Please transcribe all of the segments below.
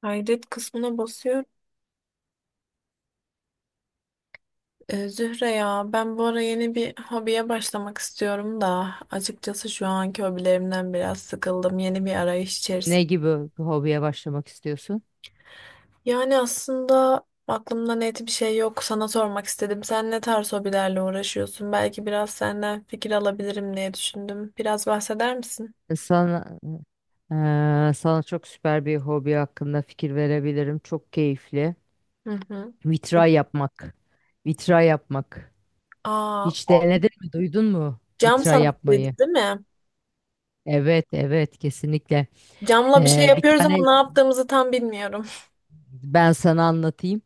Kaydet kısmına basıyorum. Zühre ya, ben bu ara yeni bir hobiye başlamak istiyorum da açıkçası şu anki hobilerimden biraz sıkıldım. Yeni bir arayış içerisinde. Ne gibi bir hobiye başlamak istiyorsun? Yani aslında aklımda net bir şey yok. Sana sormak istedim. Sen ne tarz hobilerle uğraşıyorsun? Belki biraz senden fikir alabilirim diye düşündüm. Biraz bahseder misin? E, Sana, Sana çok süper bir hobi hakkında fikir verebilirim. Çok keyifli. Hı hı. Vitray yapmak. Vitray yapmak. Aa, Hiç o denedin mi? Duydun mu? cam Vitray sanatıydı yapmayı. değil mi? Evet, evet, kesinlikle. Camla bir şey Bir yapıyoruz ama tane ne yaptığımızı tam bilmiyorum. ben sana anlatayım.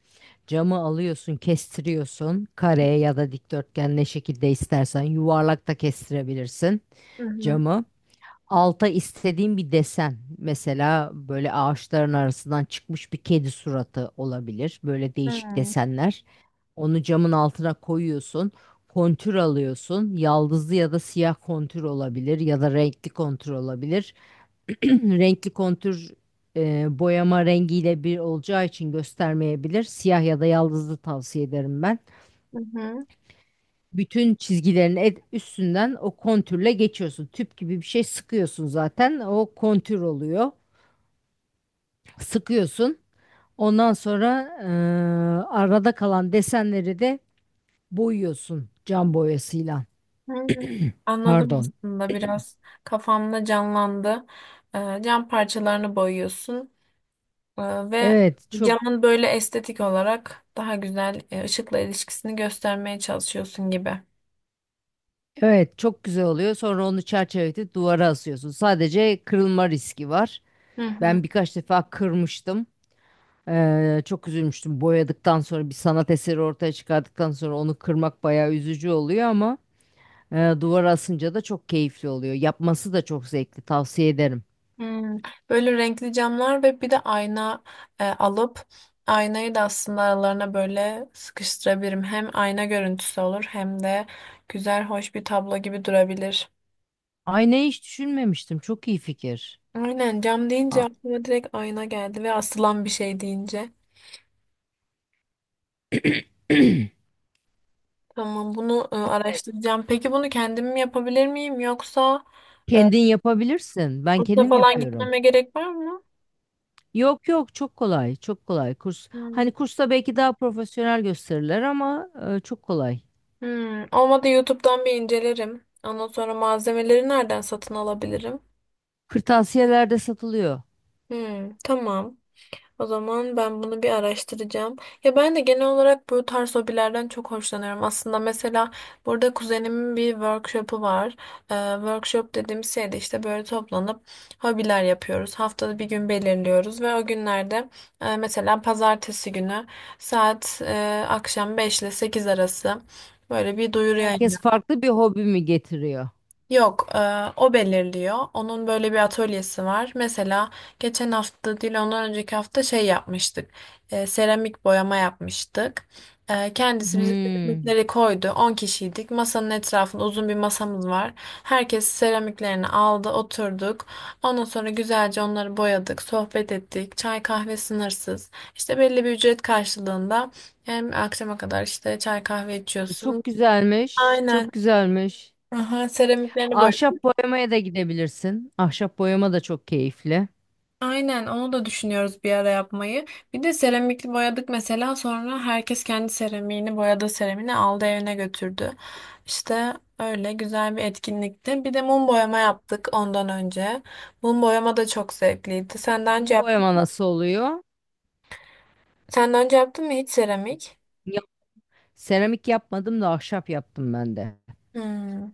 Camı alıyorsun, kestiriyorsun. Kare ya da dikdörtgen ne şekilde istersen. Yuvarlak da kestirebilirsin Hı hı. camı. Alta istediğim bir desen. Mesela böyle ağaçların arasından çıkmış bir kedi suratı olabilir. Böyle değişik Hmm. desenler. Onu camın altına koyuyorsun. Kontür alıyorsun. Yaldızlı ya da siyah kontür olabilir ya da renkli kontür olabilir. Renkli kontür boyama rengiyle bir olacağı için göstermeyebilir. Siyah ya da yaldızlı tavsiye ederim ben. Hı hı. Bütün çizgilerin üstünden o kontürle geçiyorsun. Tüp gibi bir şey sıkıyorsun zaten. O kontür oluyor. Sıkıyorsun. Ondan sonra arada kalan desenleri de boyuyorsun cam boyasıyla. Hmm, Anladım, Pardon. aslında biraz kafamda canlandı. Cam parçalarını boyuyorsun ve Evet çok camın böyle estetik olarak daha güzel ışıkla ilişkisini göstermeye çalışıyorsun gibi. evet, çok güzel oluyor. Sonra onu çerçeveletip duvara asıyorsun. Sadece kırılma riski var. Hı hı. Ben birkaç defa kırmıştım. Çok üzülmüştüm. Boyadıktan sonra bir sanat eseri ortaya çıkardıktan sonra onu kırmak bayağı üzücü oluyor ama duvar asınca da çok keyifli oluyor. Yapması da çok zevkli. Tavsiye ederim. Hmm. Böyle renkli camlar ve bir de ayna alıp aynayı da aslında aralarına böyle sıkıştırabilirim. Hem ayna görüntüsü olur hem de güzel, hoş bir tablo gibi durabilir. Ay ne hiç düşünmemiştim. Çok iyi fikir. Aynen, cam deyince Aa, aklıma direkt ayna geldi ve asılan bir şey deyince. Tamam, bunu araştıracağım. Peki bunu kendim mi yapabilir miyim yoksa e, kendin yapabilirsin. Ben kursa kendim falan yapıyorum. gitmeme gerek var mı? Yok yok çok kolay. Çok kolay. Kurs hani Hmm. kursta belki daha profesyonel gösterirler ama çok kolay. Olmadı, YouTube'dan bir incelerim. Ondan sonra malzemeleri nereden satın alabilirim? Kırtasiyelerde satılıyor. Hmm, tamam. O zaman ben bunu bir araştıracağım. Ya ben de genel olarak bu tarz hobilerden çok hoşlanıyorum. Aslında mesela burada kuzenimin bir workshop'u var. Workshop dediğimiz şey de işte böyle toplanıp hobiler yapıyoruz. Haftada bir gün belirliyoruz ve o günlerde mesela pazartesi günü saat akşam 5 ile 8 arası böyle bir duyuru. Herkes farklı bir hobi mi getiriyor? Yok, o belirliyor. Onun böyle bir atölyesi var. Mesela geçen hafta değil, ondan önceki hafta şey yapmıştık. Seramik boyama yapmıştık. Kendisi bize Hmm. seramikleri koydu. 10 kişiydik. Masanın etrafında uzun bir masamız var. Herkes seramiklerini aldı, oturduk. Ondan sonra güzelce onları boyadık, sohbet ettik. Çay kahve sınırsız. İşte belli bir ücret karşılığında hem akşama kadar işte çay kahve içiyorsun. Çok güzelmiş. Aynen. Çok güzelmiş. Aha, seramiklerini boy. Ahşap boyamaya da gidebilirsin. Ahşap boyama da çok keyifli. Aynen, onu da düşünüyoruz bir ara yapmayı. Bir de seramikli boyadık mesela, sonra herkes kendi seramiğini, boyadığı seramiğini aldı evine götürdü. İşte öyle güzel bir etkinlikti. Bir de mum boyama yaptık ondan önce. Mum boyama da çok zevkliydi. Mum boyama nasıl oluyor? Senden önce yaptın mı hiç seramik? Ya- Seramik yapmadım da ahşap yaptım ben de. Hmm.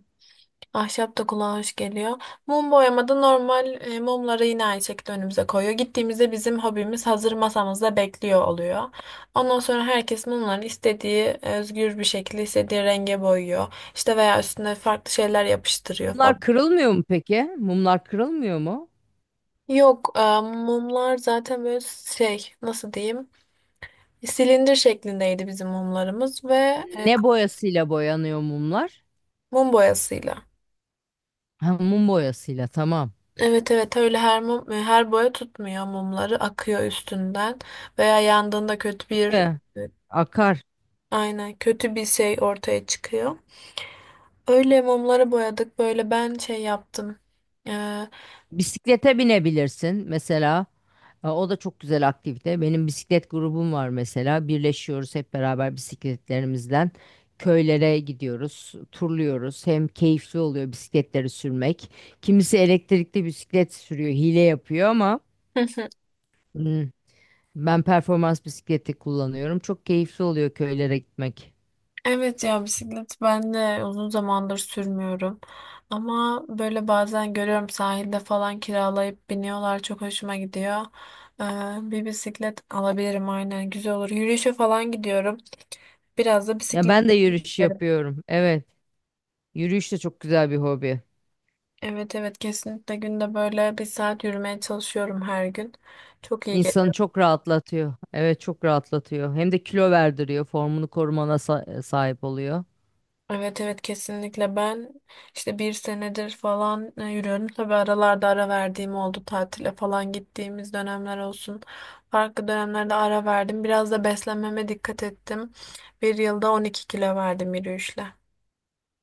Ahşap da kulağa hoş geliyor. Mum boyamada normal mumları yine aynı şekilde önümüze koyuyor. Gittiğimizde bizim hobimiz hazır masamızda bekliyor oluyor. Ondan sonra herkes mumlarını istediği, özgür bir şekilde istediği renge boyuyor. İşte veya üstüne farklı şeyler yapıştırıyor Mumlar falan. kırılmıyor mu peki? Mumlar kırılmıyor mu? Yok, mumlar zaten böyle şey, nasıl diyeyim, silindir şeklindeydi bizim mumlarımız ve e, Ne boyasıyla boyanıyor mumlar? mum boyasıyla. Ha, mum boyasıyla tamam. Evet, evet, öyle her mum, her boya tutmuyor, mumları akıyor üstünden veya yandığında kötü bir Ve e, akar. aynen kötü bir şey ortaya çıkıyor. Öyle mumları boyadık, böyle ben şey yaptım. Ee, Bisiklete binebilirsin mesela. O da çok güzel aktivite. Benim bisiklet grubum var mesela. Birleşiyoruz hep beraber bisikletlerimizden. Köylere gidiyoruz, turluyoruz. Hem keyifli oluyor bisikletleri sürmek. Kimisi elektrikli bisiklet sürüyor, hile yapıyor ama Hı hı. hmm, ben performans bisikleti kullanıyorum. Çok keyifli oluyor köylere gitmek. Evet ya, bisiklet ben de uzun zamandır sürmüyorum. Ama böyle bazen görüyorum, sahilde falan kiralayıp biniyorlar, çok hoşuma gidiyor. Ee, Bir bisiklet alabilirim, aynen güzel olur. Yürüyüşe falan gidiyorum. Biraz da Ya bisiklet. ben de yürüyüş yapıyorum. Evet, yürüyüş de çok güzel bir hobi. Evet, evet, kesinlikle günde böyle bir saat yürümeye çalışıyorum her gün. Çok iyi İnsanı geliyor. çok rahatlatıyor. Evet çok rahatlatıyor. Hem de kilo verdiriyor. Formunu korumana sahip oluyor. Evet, evet, kesinlikle ben işte bir senedir falan yürüyorum. Tabii aralarda ara verdiğim oldu, tatile falan gittiğimiz dönemler olsun. Farklı dönemlerde ara verdim. Biraz da beslenmeme dikkat ettim. Bir yılda 12 kilo verdim yürüyüşle.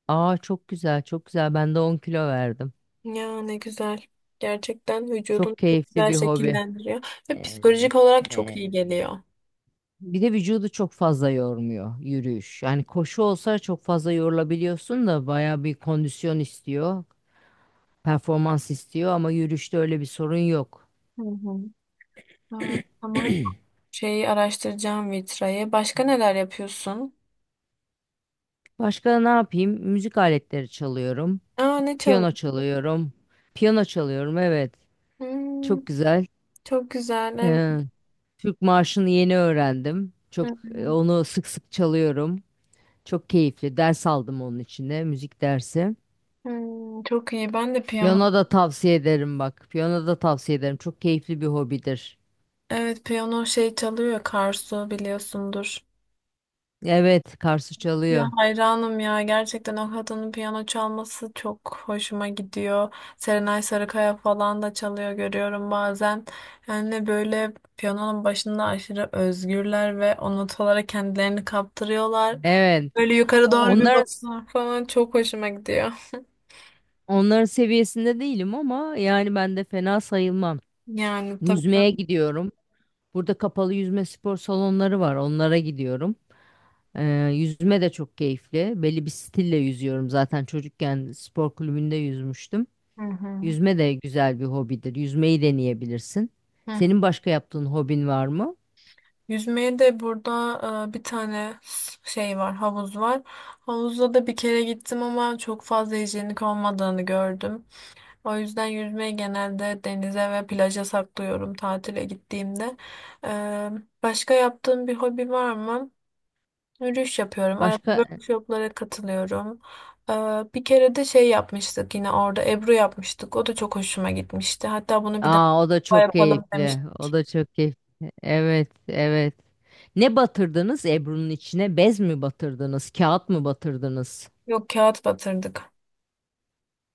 Aa çok güzel çok güzel. Ben de 10 kilo verdim. Ya ne güzel. Gerçekten vücudunu Çok çok keyifli güzel bir hobi. şekillendiriyor ve Ee, psikolojik olarak çok e, iyi geliyor. Bir de vücudu çok fazla yormuyor yürüyüş. Yani koşu olsa çok fazla yorulabiliyorsun da baya bir kondisyon istiyor. Performans istiyor ama yürüyüşte öyle bir sorun yok. Hı hı. Aa, tamam. Şeyi araştıracağım, vitrayı. Başka neler yapıyorsun? Başka ne yapayım? Müzik aletleri çalıyorum. Aa, ne Piyano çalıyorsun? çalıyorum. Piyano çalıyorum evet. Hmm, Çok güzel. çok güzel. Evet. Ee, Türk marşını yeni öğrendim. Hı Çok hı. onu sık sık çalıyorum. Çok keyifli. Ders aldım onun içinde müzik dersi. Çok iyi. Ben de piyano. Piyano da tavsiye ederim bak. Piyano da tavsiye ederim. Çok keyifli bir hobidir. Evet, piyano şey çalıyor, Karsu biliyorsundur. Evet, Karsu Ya çalıyor. hayranım ya, gerçekten o kadının piyano çalması çok hoşuma gidiyor. Serenay Sarıkaya falan da çalıyor, görüyorum bazen. Yani böyle piyanonun başında aşırı özgürler ve o notalara kendilerini kaptırıyorlar. Evet. Böyle yukarı doğru bir Onların bakıyorlar falan, çok hoşuma gidiyor. onların seviyesinde değilim ama yani ben de fena sayılmam. Yani tabii. Yüzmeye gidiyorum. Burada kapalı yüzme spor salonları var. Onlara gidiyorum. Yüzme de çok keyifli. Belli bir stille yüzüyorum zaten. Çocukken spor kulübünde yüzmüştüm. Hı hı. Yüzme de güzel bir hobidir. Yüzmeyi deneyebilirsin. Hı. Senin başka yaptığın hobin var mı? Yüzmeye de burada bir tane şey var, havuz var. Havuzda da bir kere gittim ama çok fazla hijyenik olmadığını gördüm. O yüzden yüzmeyi genelde denize ve plaja saklıyorum tatile gittiğimde. E, Başka yaptığım bir hobi var mı? Yürüyüş yapıyorum. Arada Başka? workshoplara katılıyorum. E, Bir kere de şey yapmıştık yine orada, Ebru yapmıştık. O da çok hoşuma gitmişti. Hatta bunu bir Aa, o da daha çok yapalım keyifli. O demiştik. da çok keyifli. Evet, evet. Ne batırdınız Ebru'nun içine? Bez mi batırdınız? Kağıt mı batırdınız? Yok, kağıt batırdık.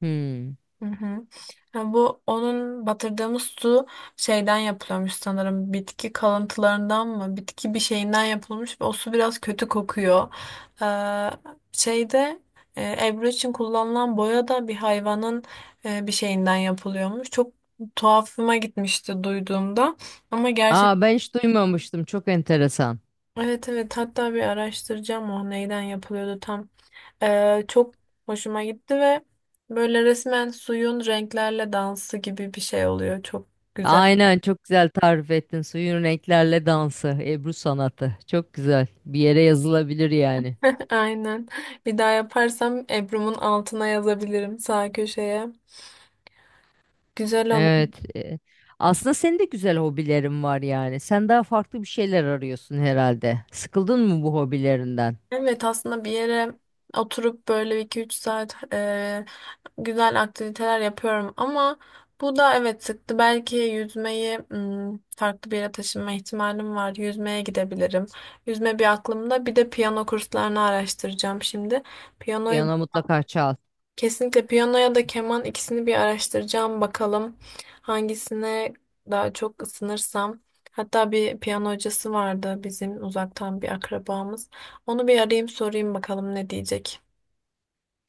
Hmm. Hı hı. Ha, bu onun, batırdığımız su şeyden yapılıyormuş sanırım. Bitki kalıntılarından mı? Bitki bir şeyinden yapılmış ve o su biraz kötü kokuyor. Ee, Şeyde, Ebru için kullanılan boya da bir hayvanın bir şeyinden yapılıyormuş. Çok tuhafıma gitmişti duyduğumda. Ama gerçek, Aa, ben hiç duymamıştım. Çok enteresan. evet, evet, hatta bir araştıracağım o neyden yapılıyordu tam. Çok hoşuma gitti ve böyle resmen suyun renklerle dansı gibi bir şey oluyor. Çok güzel. Aynen çok güzel tarif ettin. Suyun renklerle dansı, Ebru sanatı. Çok güzel. Bir yere yazılabilir yani. Aynen. Bir daha yaparsam Ebru'mun altına yazabilirim sağ köşeye. Güzel olmuş. Evet. Aslında senin de güzel hobilerin var yani. Sen daha farklı bir şeyler arıyorsun herhalde. Sıkıldın mı bu hobilerinden? Evet, aslında bir yere oturup böyle 2-3 saat güzel aktiviteler yapıyorum ama bu da evet sıktı. Belki yüzmeyi, farklı bir yere taşınma ihtimalim var. Yüzmeye gidebilirim. Yüzme bir aklımda. Bir de piyano kurslarını araştıracağım şimdi. Piyanoyu. Piyano mutlaka çal. Kesinlikle piyano ya da keman, ikisini bir araştıracağım bakalım hangisine daha çok ısınırsam. Hatta bir piyano hocası vardı, bizim uzaktan bir akrabamız. Onu bir arayayım, sorayım bakalım ne diyecek.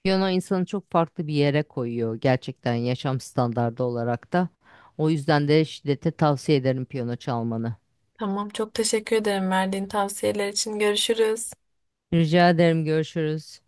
Piyano insanı çok farklı bir yere koyuyor gerçekten yaşam standardı olarak da. O yüzden de şiddete tavsiye ederim piyano çalmanı. Tamam, çok teşekkür ederim verdiğin tavsiyeler için. Görüşürüz. Rica ederim. Görüşürüz.